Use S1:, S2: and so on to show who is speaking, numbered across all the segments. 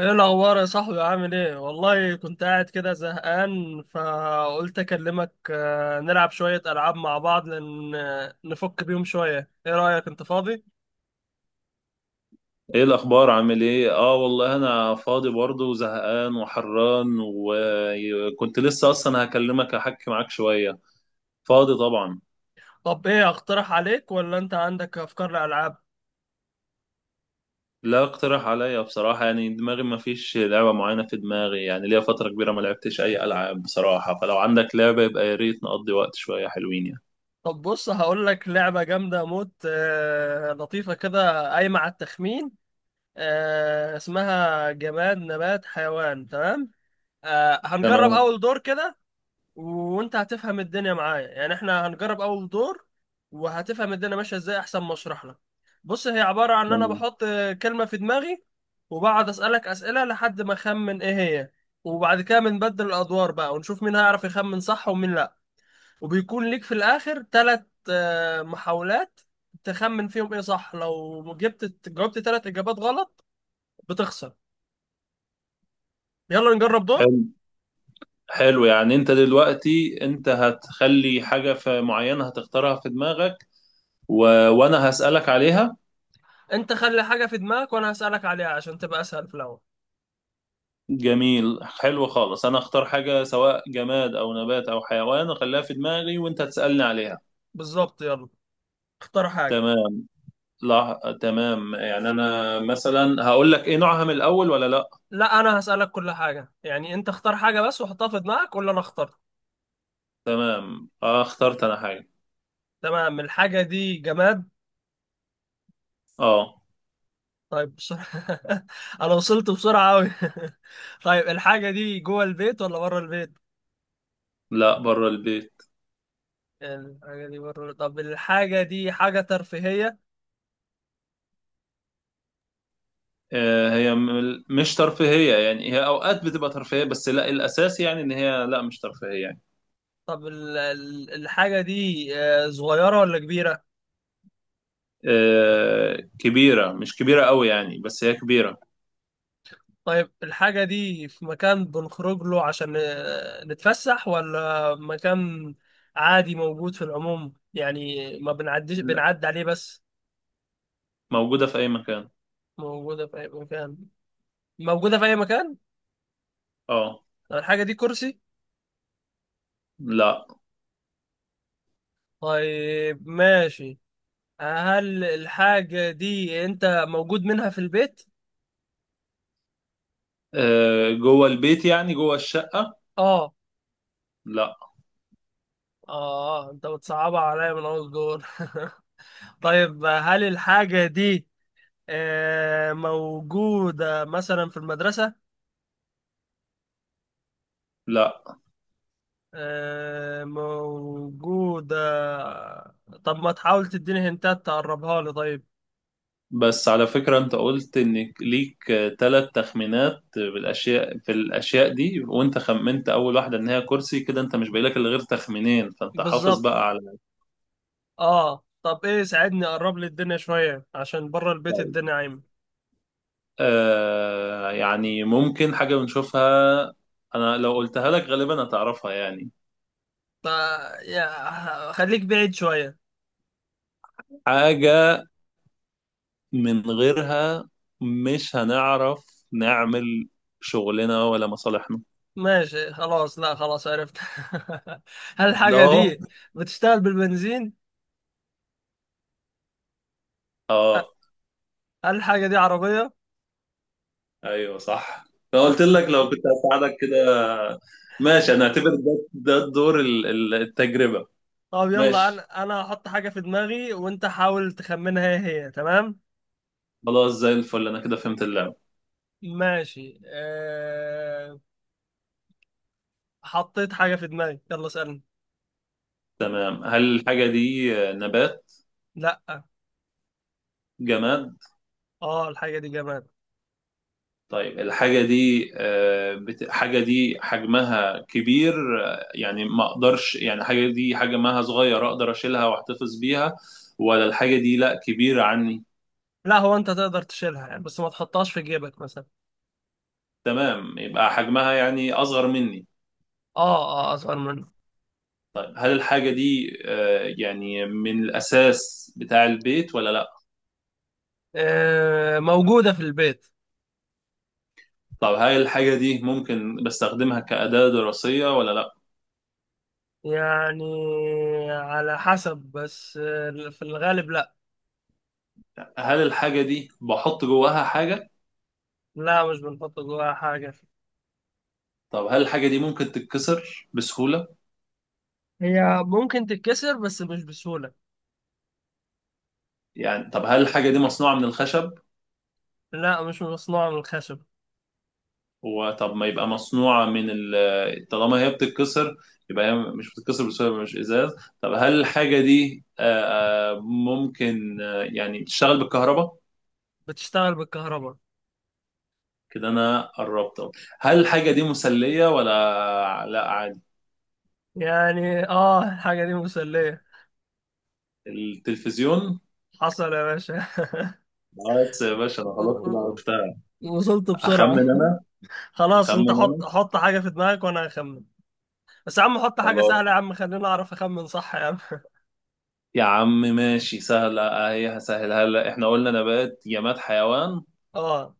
S1: ايه الاخبار يا صاحبي؟ عامل ايه؟ والله كنت قاعد كده زهقان، فقلت اكلمك نلعب شوية العاب مع بعض، لان نفك بيهم شوية. ايه رأيك؟ انت فاضي؟
S2: ايه الاخبار؟ عامل ايه؟ اه والله انا فاضي برضه وزهقان وحران، وكنت لسه اصلا هكلمك احكي معاك شويه. فاضي طبعا.
S1: طب ايه، اقترح عليك ولا انت عندك افكار لالعاب؟
S2: لا اقترح عليا بصراحه، يعني دماغي ما فيش لعبه معينه في دماغي، يعني ليا فتره كبيره ما لعبتش اي العاب بصراحه، فلو عندك لعبه يبقى يا ريت نقضي وقت شويه حلوين يعني.
S1: طب بص هقول لك لعبة جامدة موت، لطيفة كده، قايمة على التخمين. اسمها جماد نبات حيوان، تمام؟ هنجرب
S2: تمام.
S1: اول دور كده، وانت هتفهم الدنيا معايا. يعني احنا هنجرب اول دور وهتفهم الدنيا ماشيه ازاي احسن ما اشرح لك. بص هي عباره عن ان انا
S2: تمام.
S1: بحط كلمه في دماغي، وبقعد اسالك اسئله لحد ما اخمن ايه هي. وبعد كده بنبدل الادوار بقى، ونشوف مين هيعرف يخمن صح ومين لا. وبيكون ليك في الاخر 3 محاولات تخمن فيهم ايه صح. لو جبت جاوبت 3 اجابات غلط بتخسر. يلا نجرب دور.
S2: حلو. حلو، يعني انت دلوقتي انت هتخلي حاجه في معينه هتختارها في دماغك و... وانا هسألك عليها.
S1: انت خلي حاجه في دماغك وانا هسالك عليها عشان تبقى اسهل في الاول.
S2: جميل، حلو خالص، انا اختار حاجة سواء جماد او نبات او حيوان اخليها في دماغي وانت تسألني عليها.
S1: بالظبط، يلا اختار حاجة.
S2: تمام. لا تمام، يعني انا مثلا هقول لك ايه نوعها من الاول ولا لا؟
S1: لا، أنا هسألك كل حاجة. يعني أنت اختار حاجة بس وحطها في دماغك، ولا أنا اخترت.
S2: تمام آه، اخترت انا حاجة.
S1: تمام. الحاجة دي جماد؟
S2: اه.
S1: طيب، بسرعة. أنا وصلت بسرعة أوي. طيب، الحاجة دي جوه البيت ولا بره البيت؟
S2: لا، بره البيت.
S1: الحاجة دي بره. طب الحاجة دي حاجة ترفيهية؟
S2: هي مش ترفيهية، يعني هي اوقات بتبقى ترفيهية بس لا الاساس يعني ان هي لا مش ترفيهية يعني.
S1: طب الحاجة دي صغيرة ولا كبيرة؟
S2: آه كبيرة، مش كبيرة قوي يعني بس هي كبيرة.
S1: طيب الحاجة دي في مكان بنخرج له عشان نتفسح، ولا مكان عادي موجود في العموم؟ يعني ما بنعديش،
S2: لا،
S1: بنعدي عليه بس.
S2: موجودة في اي مكان.
S1: موجودة في أي مكان. موجودة في أي مكان.
S2: اه.
S1: طب الحاجة دي كرسي؟
S2: لا.
S1: طيب، ماشي. هل الحاجة دي أنت موجود منها في البيت؟
S2: جوه البيت يعني جوه الشقة.
S1: آه.
S2: لا.
S1: آه، أنت بتصعبها عليا من أول دور. طيب، هل الحاجة دي موجودة مثلا في المدرسة؟
S2: لا
S1: موجودة. طب ما تحاول تديني هنتات تقربها لي؟ طيب.
S2: بس على فكرة، انت قلت انك ليك ثلاث تخمينات بالاشياء، في الاشياء دي وانت خمنت اول واحدة ان هي كرسي، كده انت مش باقي لك الا غير تخمينين، فانت حافظ
S1: بالظبط.
S2: بقى على
S1: اه طب ايه، ساعدني اقرب لي الدنيا شوية عشان بره البيت
S2: الباقي.
S1: الدنيا عايمة.
S2: آه يعني ممكن حاجة بنشوفها، انا لو قلتها لك غالبا هتعرفها يعني.
S1: فا يا خليك بعيد شوية.
S2: حاجة من غيرها مش هنعرف نعمل شغلنا ولا مصالحنا.
S1: ماشي خلاص، لا خلاص عرفت. هل
S2: ده
S1: الحاجة دي بتشتغل بالبنزين؟ أ-
S2: اه.
S1: هل الحاجة دي عربية؟
S2: ايوه صح، لو قلت لك لو كنت هساعدك كده. ماشي، انا اعتبر ده ده الدور التجربة.
S1: طب يلا،
S2: ماشي،
S1: انا هحط حاجة في دماغي وانت حاول تخمنها ايه هي، تمام؟
S2: خلاص زي الفل انا كده فهمت اللعبة.
S1: ماشي. حطيت حاجة في دماغي، يلا اسألني.
S2: تمام. هل الحاجة دي نبات؟
S1: لا.
S2: جماد؟
S1: اه، الحاجة دي جماد.
S2: طيب الحاجة دي حاجة دي حجمها كبير، يعني ما اقدرش، يعني حاجة دي حجمها صغير اقدر اشيلها واحتفظ بيها، ولا الحاجة دي لا كبيرة عني؟
S1: لا، هو انت تقدر تشيلها، يعني بس ما تحطهاش في جيبك مثلا.
S2: تمام، يبقى حجمها يعني اصغر مني.
S1: اه. اه، اصغر منه.
S2: طيب هل الحاجة دي يعني من الأساس بتاع البيت ولا لأ؟
S1: آه موجودة في البيت.
S2: طب هل الحاجة دي ممكن بستخدمها كأداة دراسية ولا لأ؟
S1: يعني على حسب، بس آه في الغالب لا.
S2: هل الحاجة دي بحط جواها حاجة؟
S1: لا، مش بنحط جواها حاجة.
S2: طب هل الحاجة دي ممكن تتكسر بسهولة؟
S1: هي ممكن تتكسر بس مش بسهولة.
S2: يعني طب هل الحاجة دي مصنوعة من الخشب؟
S1: لا، مش مصنوعة من الخشب.
S2: وطب ما يبقى مصنوعة من طالما هي بتتكسر، يبقى هي مش بتتكسر بسهولة، يبقى مش إزاز. طب هل الحاجة دي آه، آه، ممكن آه، يعني تشتغل بالكهرباء؟
S1: بتشتغل بالكهرباء.
S2: كده انا قربت أهو. هل الحاجه دي مسليه ولا لا عادي؟
S1: يعني اه، الحاجة دي مسلية.
S2: التلفزيون.
S1: حصل يا باشا.
S2: بس يا باشا انا خلاص كده عرفتها.
S1: وصلت بسرعة.
S2: اخمن انا.
S1: خلاص انت
S2: اخمن انا.
S1: حط حط حاجة في دماغك وانا هخمن. بس يا عم حط حاجة
S2: خلاص
S1: سهلة يا عم، خليني اعرف اخمن صح يا عم.
S2: يا عم، ماشي، سهله اهي، هسهلها، هلا احنا قلنا نبات جماد حيوان.
S1: اه.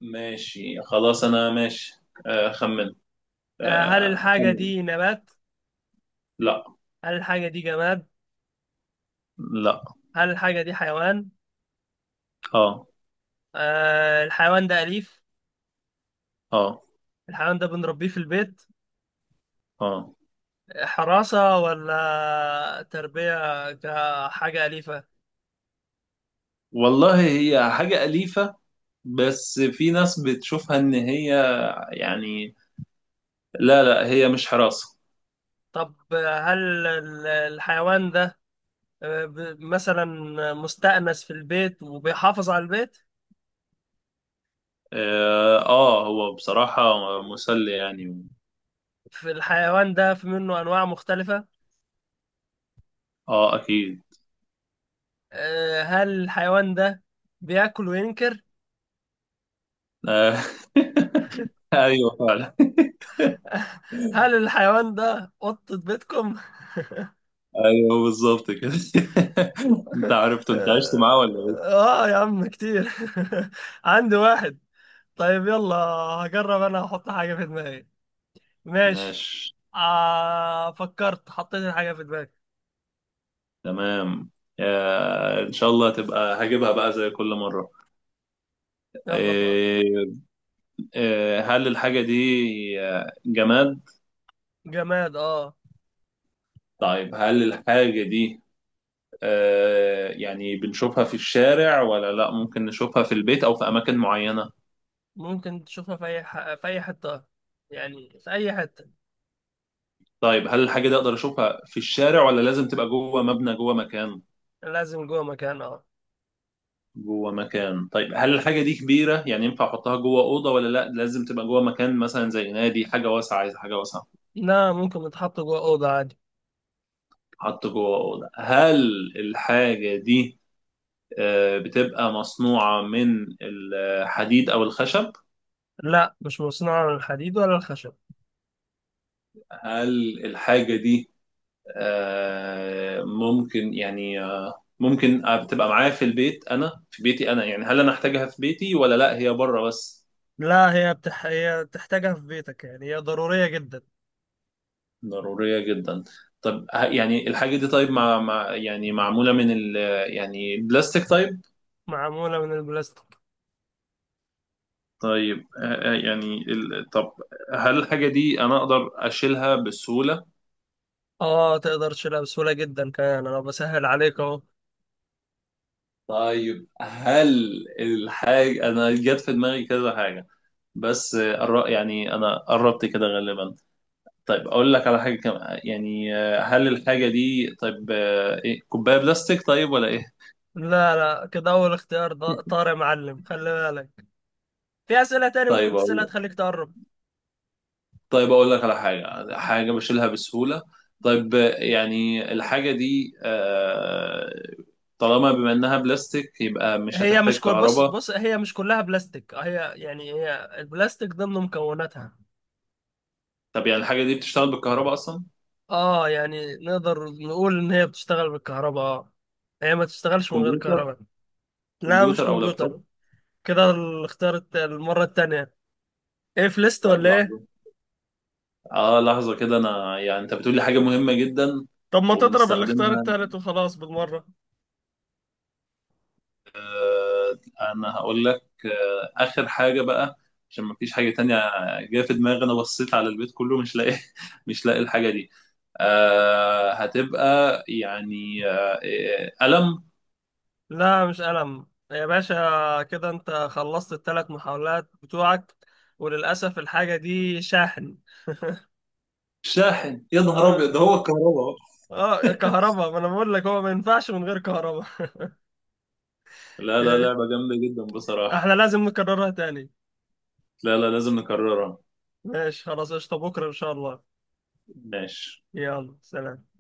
S2: ماشي خلاص انا، ماشي. خمن.
S1: هل الحاجة
S2: خمن.
S1: دي نبات؟
S2: لا.
S1: هل الحاجة دي جماد؟
S2: لا.
S1: هل الحاجة دي حيوان؟
S2: اه.
S1: آه، الحيوان ده أليف.
S2: اه.
S1: الحيوان ده بنربيه في البيت
S2: اه.
S1: حراسة ولا تربية كحاجة أليفة؟
S2: والله هي حاجه اليفه، بس في ناس بتشوفها ان هي يعني، لا لا هي مش حراسه.
S1: طب هل الحيوان ده مثلا مستأنس في البيت وبيحافظ على البيت؟
S2: اه، هو بصراحة مسلي يعني
S1: في الحيوان ده في منه أنواع مختلفة؟
S2: اه اكيد.
S1: هل الحيوان ده بياكل وينكر؟
S2: آه. ايوه فعلا.
S1: هل الحيوان ده قطة بيتكم؟
S2: ايوه بالظبط كده. انت عرفته، انت عشت معاه ولا ايه؟
S1: آه يا عم كتير. عندي واحد. طيب يلا، هجرب أنا أحط حاجة في دماغي. ماشي.
S2: ماشي.
S1: فكرت، حطيت الحاجة في دماغي.
S2: تمام. آه ان شاء الله تبقى هجيبها بقى زي كل مرة.
S1: يلا.
S2: آه. آه هل الحاجة دي جماد؟
S1: جماد، اه.
S2: طيب هل الحاجة دي آه يعني بنشوفها في الشارع ولا لا، ممكن نشوفها في البيت او في اماكن معينة؟
S1: ممكن تشوفها في أي حتة، يعني في أي حتة.
S2: طيب هل الحاجة دي أقدر أشوفها في الشارع ولا لازم تبقى جوه مبنى جوه مكان؟
S1: لازم جوه مكان، اه.
S2: جوه مكان. طيب هل الحاجة دي كبيرة يعني ينفع أحطها جوه أوضة ولا لا لازم تبقى جوه مكان مثلا زي نادي، حاجة واسعة؟ عايز حاجة واسعة.
S1: لا، ممكن تحط جوه أوضة عادي.
S2: حط جوه أوضة. هل الحاجة دي بتبقى مصنوعة من الحديد أو الخشب؟
S1: لا، مش مصنوعة من الحديد ولا الخشب.
S2: هل الحاجة دي آه، ممكن يعني آه، ممكن آه، بتبقى معايا في البيت أنا، في بيتي أنا، يعني هل أنا أحتاجها في بيتي ولا لا هي بره بس؟
S1: لا، هي بتحتاجها في بيتك، يعني هي ضرورية جدا.
S2: ضرورية جدا. طب يعني الحاجة دي، طيب مع يعني معمولة من ال، يعني بلاستيك؟ طيب.
S1: معمولة من البلاستيك.
S2: طيب يعني ال، طب هل الحاجة دي أنا أقدر أشيلها بسهولة؟
S1: اه تقدر تشيلها بسهولة جدا، كمان انا بسهل عليك اهو.
S2: طيب هل الحاجة، أنا جت في دماغي كذا حاجة، بس يعني أنا قربت كده غالبا. طيب أقول لك على حاجة كمان، يعني هل الحاجة دي طيب إيه، كوباية بلاستيك طيب ولا إيه؟
S1: لا لا، كده اول اختيار طار يا معلم، خلي بالك. في اسئلة تاني
S2: طيب.
S1: ممكن تسألها تخليك تقرب.
S2: طيب اقول لك على حاجه، حاجه بشيلها بسهوله. طيب يعني الحاجه دي طالما بما انها بلاستيك يبقى مش
S1: هي
S2: هتحتاج
S1: مش كل، بص
S2: كهرباء.
S1: بص هي مش كلها بلاستيك، هي يعني هي البلاستيك ضمن مكوناتها.
S2: طب يعني الحاجه دي بتشتغل بالكهرباء اصلا؟
S1: اه يعني نقدر نقول ان هي بتشتغل بالكهرباء، اه. هي ما تشتغلش من غير
S2: كمبيوتر.
S1: كهرباء. لا مش
S2: كمبيوتر او لابتوب.
S1: كمبيوتر. كده الاختيار المرة التانية. ايه، في ليست
S2: طيب
S1: ولا ايه؟
S2: لحظه. اه لحظه كده انا، يعني انت بتقولي حاجه مهمه جدا
S1: طب ما تضرب الاختيار
S2: وبنستخدمها.
S1: التالت وخلاص بالمرة.
S2: آه، انا هقول لك اخر حاجه بقى، عشان مفيش حاجه تانية جايه في دماغي، انا بصيت على البيت كله مش لاقي، مش لاقي الحاجه دي. هتبقى يعني قلم.
S1: لا مش ألم يا باشا، كده انت خلصت التلات محاولات بتوعك، وللأسف الحاجة دي شاحن.
S2: شاحن؟ يا نهار ابيض، ده هو
S1: اه.
S2: الكهرباء أهو.
S1: اه، كهرباء، ما انا بقول لك هو ما ينفعش من غير كهرباء.
S2: لا لا، لعبه جامده جدا
S1: احنا
S2: بصراحه.
S1: لازم نكررها تاني.
S2: لا لا، لازم نكررها.
S1: ماشي خلاص، قشطة بكرة ان شاء الله.
S2: ماشي.
S1: يلا سلام.